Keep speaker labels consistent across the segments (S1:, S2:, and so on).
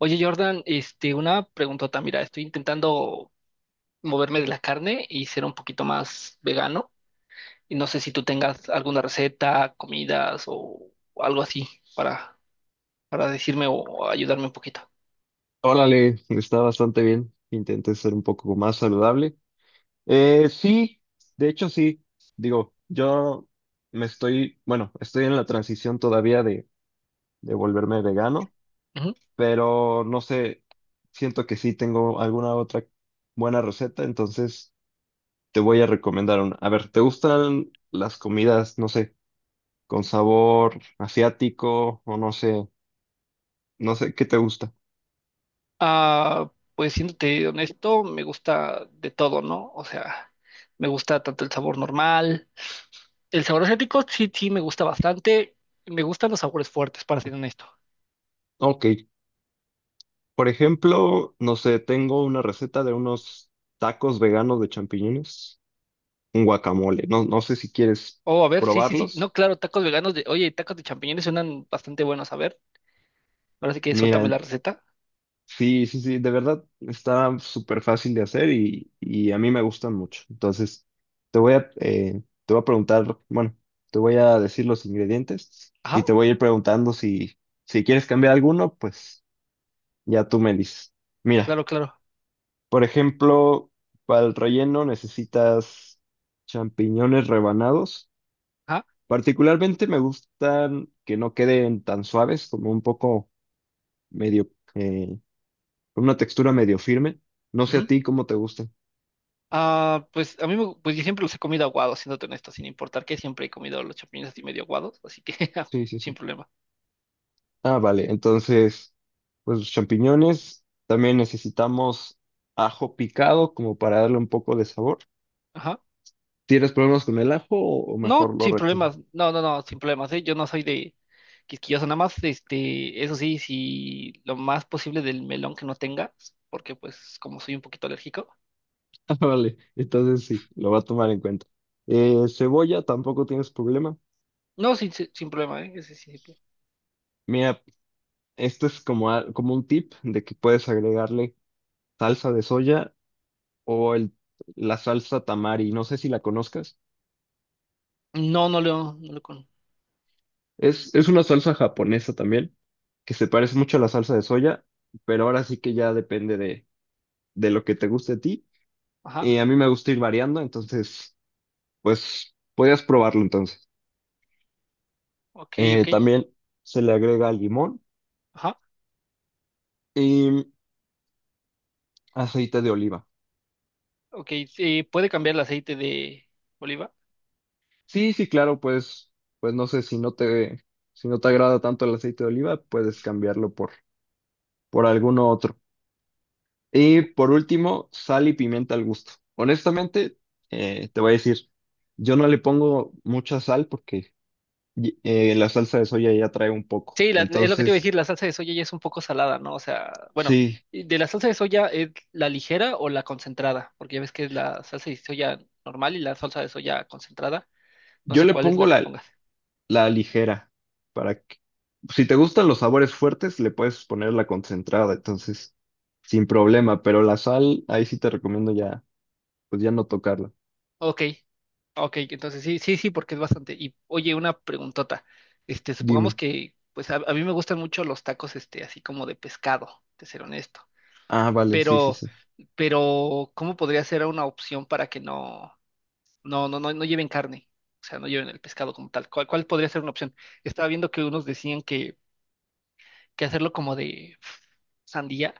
S1: Oye, Jordan, una preguntota. Mira, estoy intentando moverme de la carne y ser un poquito más vegano. Y no sé si tú tengas alguna receta, comidas o algo así para, para decirme o ayudarme un poquito.
S2: Órale, está bastante bien. Intenté ser un poco más saludable. Sí, de hecho sí. Digo, yo estoy en la transición todavía de volverme vegano,
S1: Ujú.
S2: pero no sé, siento que sí tengo alguna otra buena receta, entonces te voy a recomendar una. A ver, ¿te gustan las comidas, no sé, con sabor asiático o no sé, qué te gusta?
S1: Ah, pues siéndote honesto, me gusta de todo, ¿no? O sea, me gusta tanto el sabor normal. El sabor asiático sí, sí, me gusta bastante. Me gustan los sabores fuertes, para ser honesto.
S2: Ok. Por ejemplo, no sé, tengo una receta de unos tacos veganos de champiñones, un guacamole. No sé si quieres
S1: Oh, a ver, sí, sí, sí. No,
S2: probarlos.
S1: claro, tacos veganos de. Oye, tacos de champiñones suenan bastante buenos. A ver, ahora sí que suéltame
S2: Mira,
S1: la receta.
S2: sí, sí, sí, de verdad está súper fácil de hacer y a mí me gustan mucho. Entonces, te voy a preguntar, bueno, te voy a decir los ingredientes y
S1: Ajá,
S2: te voy a ir preguntando si, si quieres cambiar alguno, pues ya tú me dices. Mira,
S1: claro, claro.
S2: por ejemplo, para el relleno necesitas champiñones rebanados.
S1: Ajá.
S2: Particularmente me gustan que no queden tan suaves, como un poco medio, eh, con una textura medio firme. No sé a
S1: Ujú.
S2: ti cómo te gustan.
S1: Ah, pues a mí me, pues yo siempre los he comido aguados, siéndote honesto, sin importar que siempre he comido los champiñones así medio aguados, así que ja,
S2: Sí, sí,
S1: sin
S2: sí.
S1: problema.
S2: Ah, vale. Entonces, pues los champiñones. También necesitamos ajo picado como para darle un poco de sabor.
S1: Ajá.
S2: ¿Tienes problemas con el ajo o
S1: No,
S2: mejor lo
S1: sin
S2: retiro?
S1: problemas. No, no, no, sin problemas, ¿eh? Yo no soy de quisquilloso, nada más, eso sí, si lo más posible del melón que no tengas, porque pues como soy un poquito alérgico.
S2: Ah, vale, entonces sí, lo va a tomar en cuenta. Cebolla, tampoco tienes problema.
S1: No, sin problema, ¿eh? Ese sí, sí.
S2: Mira, esto es como un tip de que puedes agregarle salsa de soya o la salsa tamari. No sé si la conozcas.
S1: No, no lo con.
S2: Es una salsa japonesa también, que se parece mucho a la salsa de soya, pero ahora sí que ya depende de lo que te guste a ti.
S1: Ajá,
S2: Y a mí me gusta ir variando, entonces, pues, podrías probarlo entonces.
S1: ok, ok.
S2: También se le agrega limón
S1: Ajá,
S2: y aceite de oliva.
S1: ok. Sí, puede cambiar el aceite de oliva.
S2: Sí, sí, claro, pues no sé si no te, si no te agrada tanto el aceite de oliva, puedes cambiarlo por alguno otro. Y por último, sal y pimienta al gusto. Honestamente, te voy a decir, yo no le pongo mucha sal porque la salsa de soya ya trae un poco.
S1: Sí, es lo que te iba a decir,
S2: Entonces,
S1: la salsa de soya ya es un poco salada, ¿no? O sea, bueno,
S2: sí,
S1: y de la salsa de soya es la ligera o la concentrada, porque ya ves que es la salsa de soya normal y la salsa de soya concentrada. No
S2: yo
S1: sé
S2: le
S1: cuál es
S2: pongo
S1: la que pongas.
S2: la ligera para que, si te gustan los sabores fuertes, le puedes poner la concentrada, entonces, sin problema, pero la sal, ahí sí te recomiendo ya pues ya no tocarla.
S1: Ok, ok, entonces sí, sí, sí, porque es bastante. Y oye, una preguntota. Supongamos
S2: Dime.
S1: que, pues a mí me gustan mucho los tacos, así como de pescado, de ser honesto.
S2: Ah, vale, sí, sí,
S1: Pero
S2: sí.
S1: pero ¿cómo podría ser una opción para que no lleven carne? O sea, no lleven el pescado como tal. ¿Cuál podría ser una opción? Estaba viendo que unos decían que hacerlo como de sandía,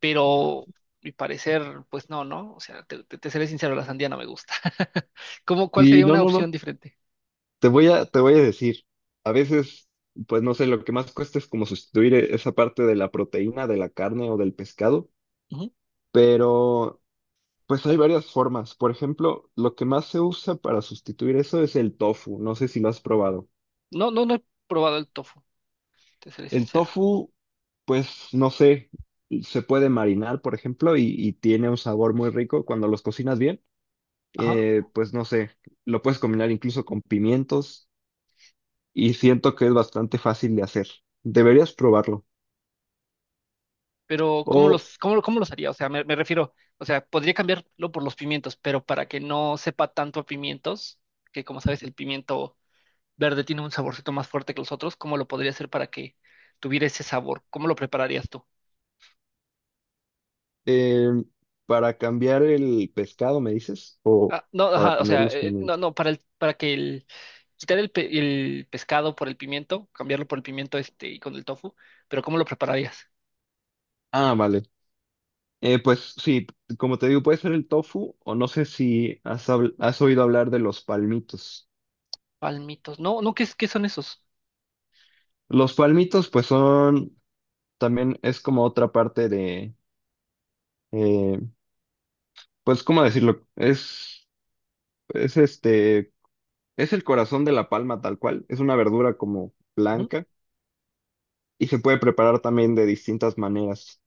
S1: pero mi parecer, pues no, ¿no? O sea, te seré sincero, la sandía no me gusta. ¿Cómo, cuál
S2: Y
S1: sería
S2: no,
S1: una
S2: no,
S1: opción
S2: no.
S1: diferente?
S2: Te voy a decir. A veces, pues no sé, lo que más cuesta es como sustituir esa parte de la proteína, de la carne o del pescado,
S1: Ujú.
S2: pero pues hay varias formas. Por ejemplo, lo que más se usa para sustituir eso es el tofu. No sé si lo has probado.
S1: No, no, no he probado el tofu, te seré
S2: El
S1: sincero.
S2: tofu, pues no sé, se puede marinar, por ejemplo, y tiene un sabor muy rico cuando los cocinas bien. Pues no sé, lo puedes combinar incluso con pimientos y siento que es bastante fácil de hacer. Deberías probarlo.
S1: Pero ¿cómo
S2: O
S1: los, cómo, cómo los haría? O sea, me refiero, o sea, podría cambiarlo por los pimientos, pero para que no sepa tanto a pimientos, que como sabes, el pimiento verde tiene un saborcito más fuerte que los otros, ¿cómo lo podría hacer para que tuviera ese sabor? ¿Cómo lo prepararías tú?
S2: eh, para cambiar el pescado, me dices, o
S1: Ah, no,
S2: para
S1: ajá, o
S2: cambiar
S1: sea,
S2: los
S1: no,
S2: pimientos.
S1: no, quitar el pescado por el pimiento, cambiarlo por el pimiento este y con el tofu, pero ¿cómo lo prepararías?
S2: Ah, vale. Pues sí, como te digo, puede ser el tofu o no sé si has oído hablar de los palmitos.
S1: Palmitos, no, no, ¿qué son esos?
S2: Los palmitos pues son, también es como otra parte eh, pues, ¿cómo decirlo? Es este es el corazón de la palma tal cual. Es una verdura como
S1: Ujú.
S2: blanca y se puede preparar también de distintas maneras.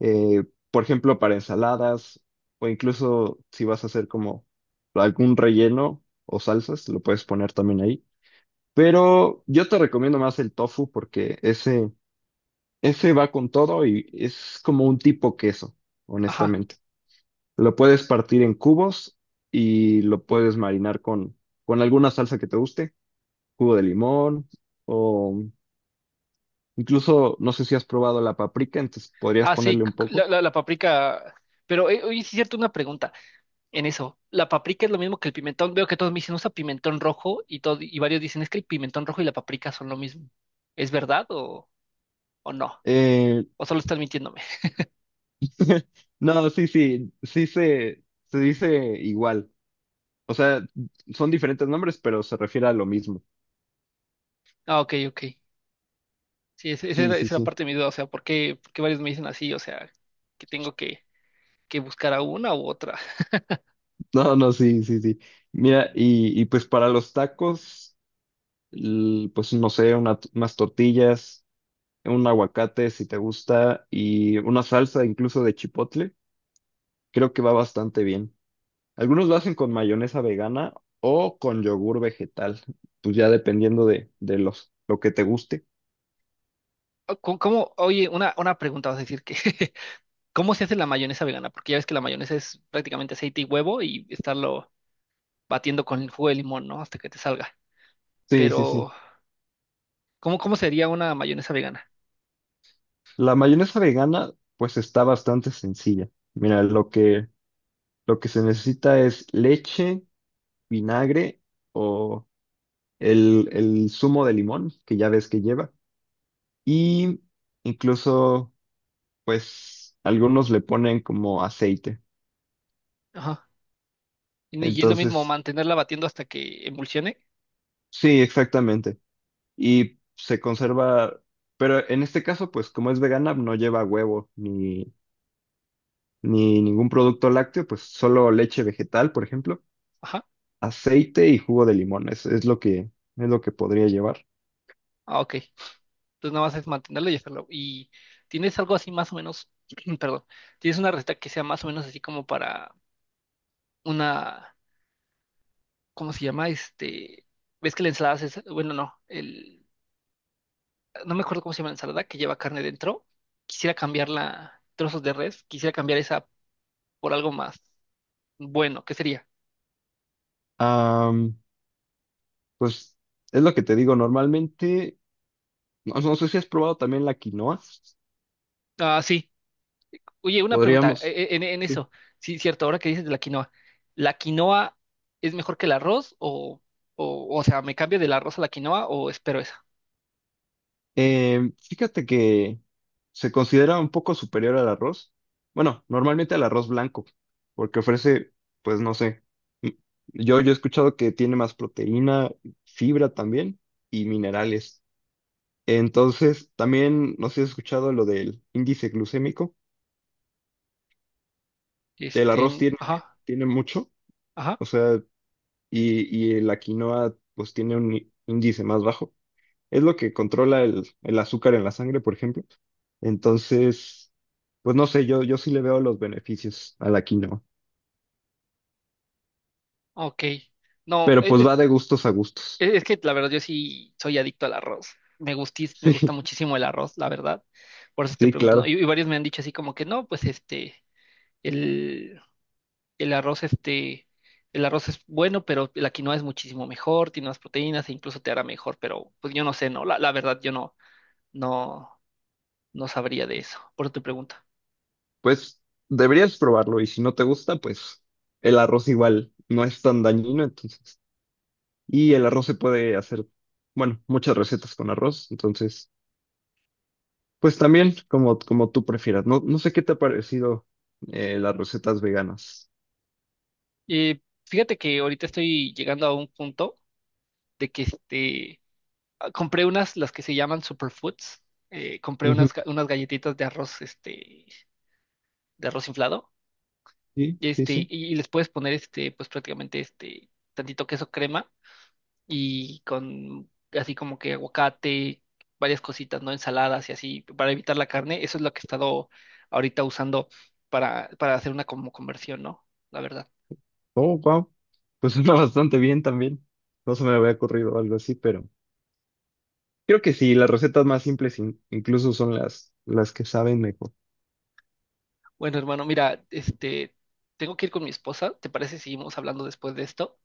S2: Eh, por ejemplo, para ensaladas o incluso si vas a hacer como algún relleno o salsas, lo puedes poner también ahí. Pero yo te recomiendo más el tofu porque ese va con todo y es como un tipo queso,
S1: Ajá.
S2: honestamente. Lo puedes partir en cubos y lo puedes marinar con alguna salsa que te guste. Jugo de limón o incluso no sé si has probado la paprika, entonces podrías
S1: Ah, sí,
S2: ponerle
S1: c-
S2: un
S1: c- la,
S2: poco.
S1: la, la paprika. Pero oye, sí es cierto, una pregunta en eso. ¿La paprika es lo mismo que el pimentón? Veo que todos me dicen, usa pimentón rojo y, todo, y varios dicen, es que el pimentón rojo y la paprika son lo mismo. ¿Es verdad o no?
S2: Eh,
S1: ¿O solo están mintiéndome?
S2: no, sí, sí, sí se dice igual. O sea, son diferentes nombres, pero se refiere a lo mismo.
S1: Ah, ok, ok. Sí, ese- esa
S2: Sí,
S1: era,
S2: sí,
S1: esa era
S2: sí.
S1: parte de mi duda. O sea, ¿por qué varios me dicen así? O sea, que tengo que buscar a una u otra.
S2: No, no, sí, sí, sí. Mira, pues para los tacos, pues no sé, unas tortillas, un aguacate si te gusta, y una salsa incluso de chipotle, creo que va bastante bien. Algunos lo hacen con mayonesa vegana o con yogur vegetal, pues ya dependiendo de lo que te guste.
S1: Ah, oye, una pregunta, vas a decir que, ¿cómo se hace la mayonesa vegana? Porque ya ves que la mayonesa es prácticamente aceite y huevo y estarlo batiendo con el jugo de limón, ¿no? Hasta que te salga.
S2: Sí, sí, sí.
S1: Pero, ¿cómo sería una mayonesa vegana?
S2: La mayonesa vegana, pues está bastante sencilla. Mira, lo que se necesita es leche, vinagre o el zumo de limón, que ya ves que lleva. Y incluso, pues, algunos le ponen como aceite.
S1: Ajá. Y es lo mismo
S2: Entonces,
S1: mantenerla batiendo hasta que emulsione.
S2: sí, exactamente. Y se conserva, pero en este caso, pues como es vegana, no lleva huevo ni ningún producto lácteo, pues solo leche vegetal, por ejemplo,
S1: Ajá.
S2: aceite y jugo de limón, es lo que podría llevar.
S1: Ah, ok. Entonces nada más es mantenerla y hacerlo. ¿Y tienes algo así más o menos, perdón, tienes una receta que sea más o menos así como para una, ¿cómo se llama? ¿Ves que la ensalada es, bueno, no, el, no me acuerdo cómo se llama la ensalada que lleva carne dentro? Quisiera cambiarla, trozos de res, quisiera cambiar esa por algo más bueno. ¿Qué sería?
S2: Am, pues es lo que te digo, normalmente, no, no sé si has probado también la quinoa,
S1: Ah, sí. Oye, una pregunta
S2: podríamos.
S1: en
S2: Sí.
S1: eso. Sí, cierto, ahora que dices de la quinoa. ¿La quinoa es mejor que el arroz o, o, sea, me cambio del arroz a la quinoa o espero esa?
S2: Eh, Fíjate que se considera un poco superior al arroz. Bueno, normalmente al arroz blanco, porque ofrece, pues no sé. m- Yo, yo he escuchado que tiene más proteína, fibra también y minerales. Entonces, también, no sé si has escuchado lo del índice glucémico. El arroz
S1: Este, ajá,
S2: tiene mucho,
S1: ajá,
S2: o sea, y la quinoa, pues tiene un índice más bajo. Es lo que controla el azúcar en la sangre, por ejemplo. Entonces, pues no sé, yo sí le veo los beneficios a la quinoa,
S1: ok. No,
S2: pero
S1: es,
S2: pues va
S1: es-
S2: de gustos a gustos.
S1: es que la verdad yo sí soy adicto al arroz. Me gusta
S2: Sí,
S1: muchísimo el arroz, la verdad. Por eso te
S2: sí,
S1: pregunto, ¿no? Y,
S2: claro.
S1: y varios me han dicho así como que no, pues el, el arroz, este, el arroz es bueno, pero la quinoa es muchísimo mejor, tiene más proteínas e incluso te hará mejor, pero pues yo no sé, ¿no? La verdad, yo no, no sabría de eso, por eso te pregunto.
S2: Pues deberías probarlo y si no te gusta, pues el arroz igual no es tan dañino, entonces. Y el arroz se puede hacer, bueno, muchas recetas con arroz, entonces, pues también como, como tú prefieras. No, no sé qué te ha parecido las recetas veganas.
S1: Fíjate que ahorita estoy llegando a un punto de que compré unas, las que se llaman superfoods, compré
S2: Ujú.
S1: unas, unas galletitas de arroz, de arroz inflado,
S2: Sí, sí,
S1: y,
S2: sí.
S1: y les puedes poner, pues prácticamente, tantito queso crema y con así como que aguacate, varias cositas, ¿no? Ensaladas y así, para evitar la carne. Eso es lo que he estado ahorita usando para hacer una como conversión, ¿no? La verdad.
S2: Oh, wow. Pues suena bastante bien también. No se me había ocurrido algo así, pero creo que sí, las recetas más simples incluso son las que saben mejor.
S1: Bueno, hermano, mira, tengo que ir con mi esposa. ¿Te parece si seguimos hablando después de esto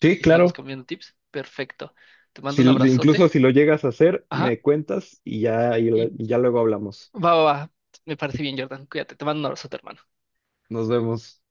S2: Sí,
S1: y seguimos
S2: claro.
S1: cambiando tips? Perfecto. Te mando
S2: Si,
S1: un abrazote.
S2: incluso si lo llegas a hacer,
S1: Ajá.
S2: me cuentas y ya, y
S1: Y
S2: ya luego hablamos.
S1: va, va, va. Me parece bien, Jordan. Cuídate. Te mando un abrazote, hermano.
S2: Nos vemos.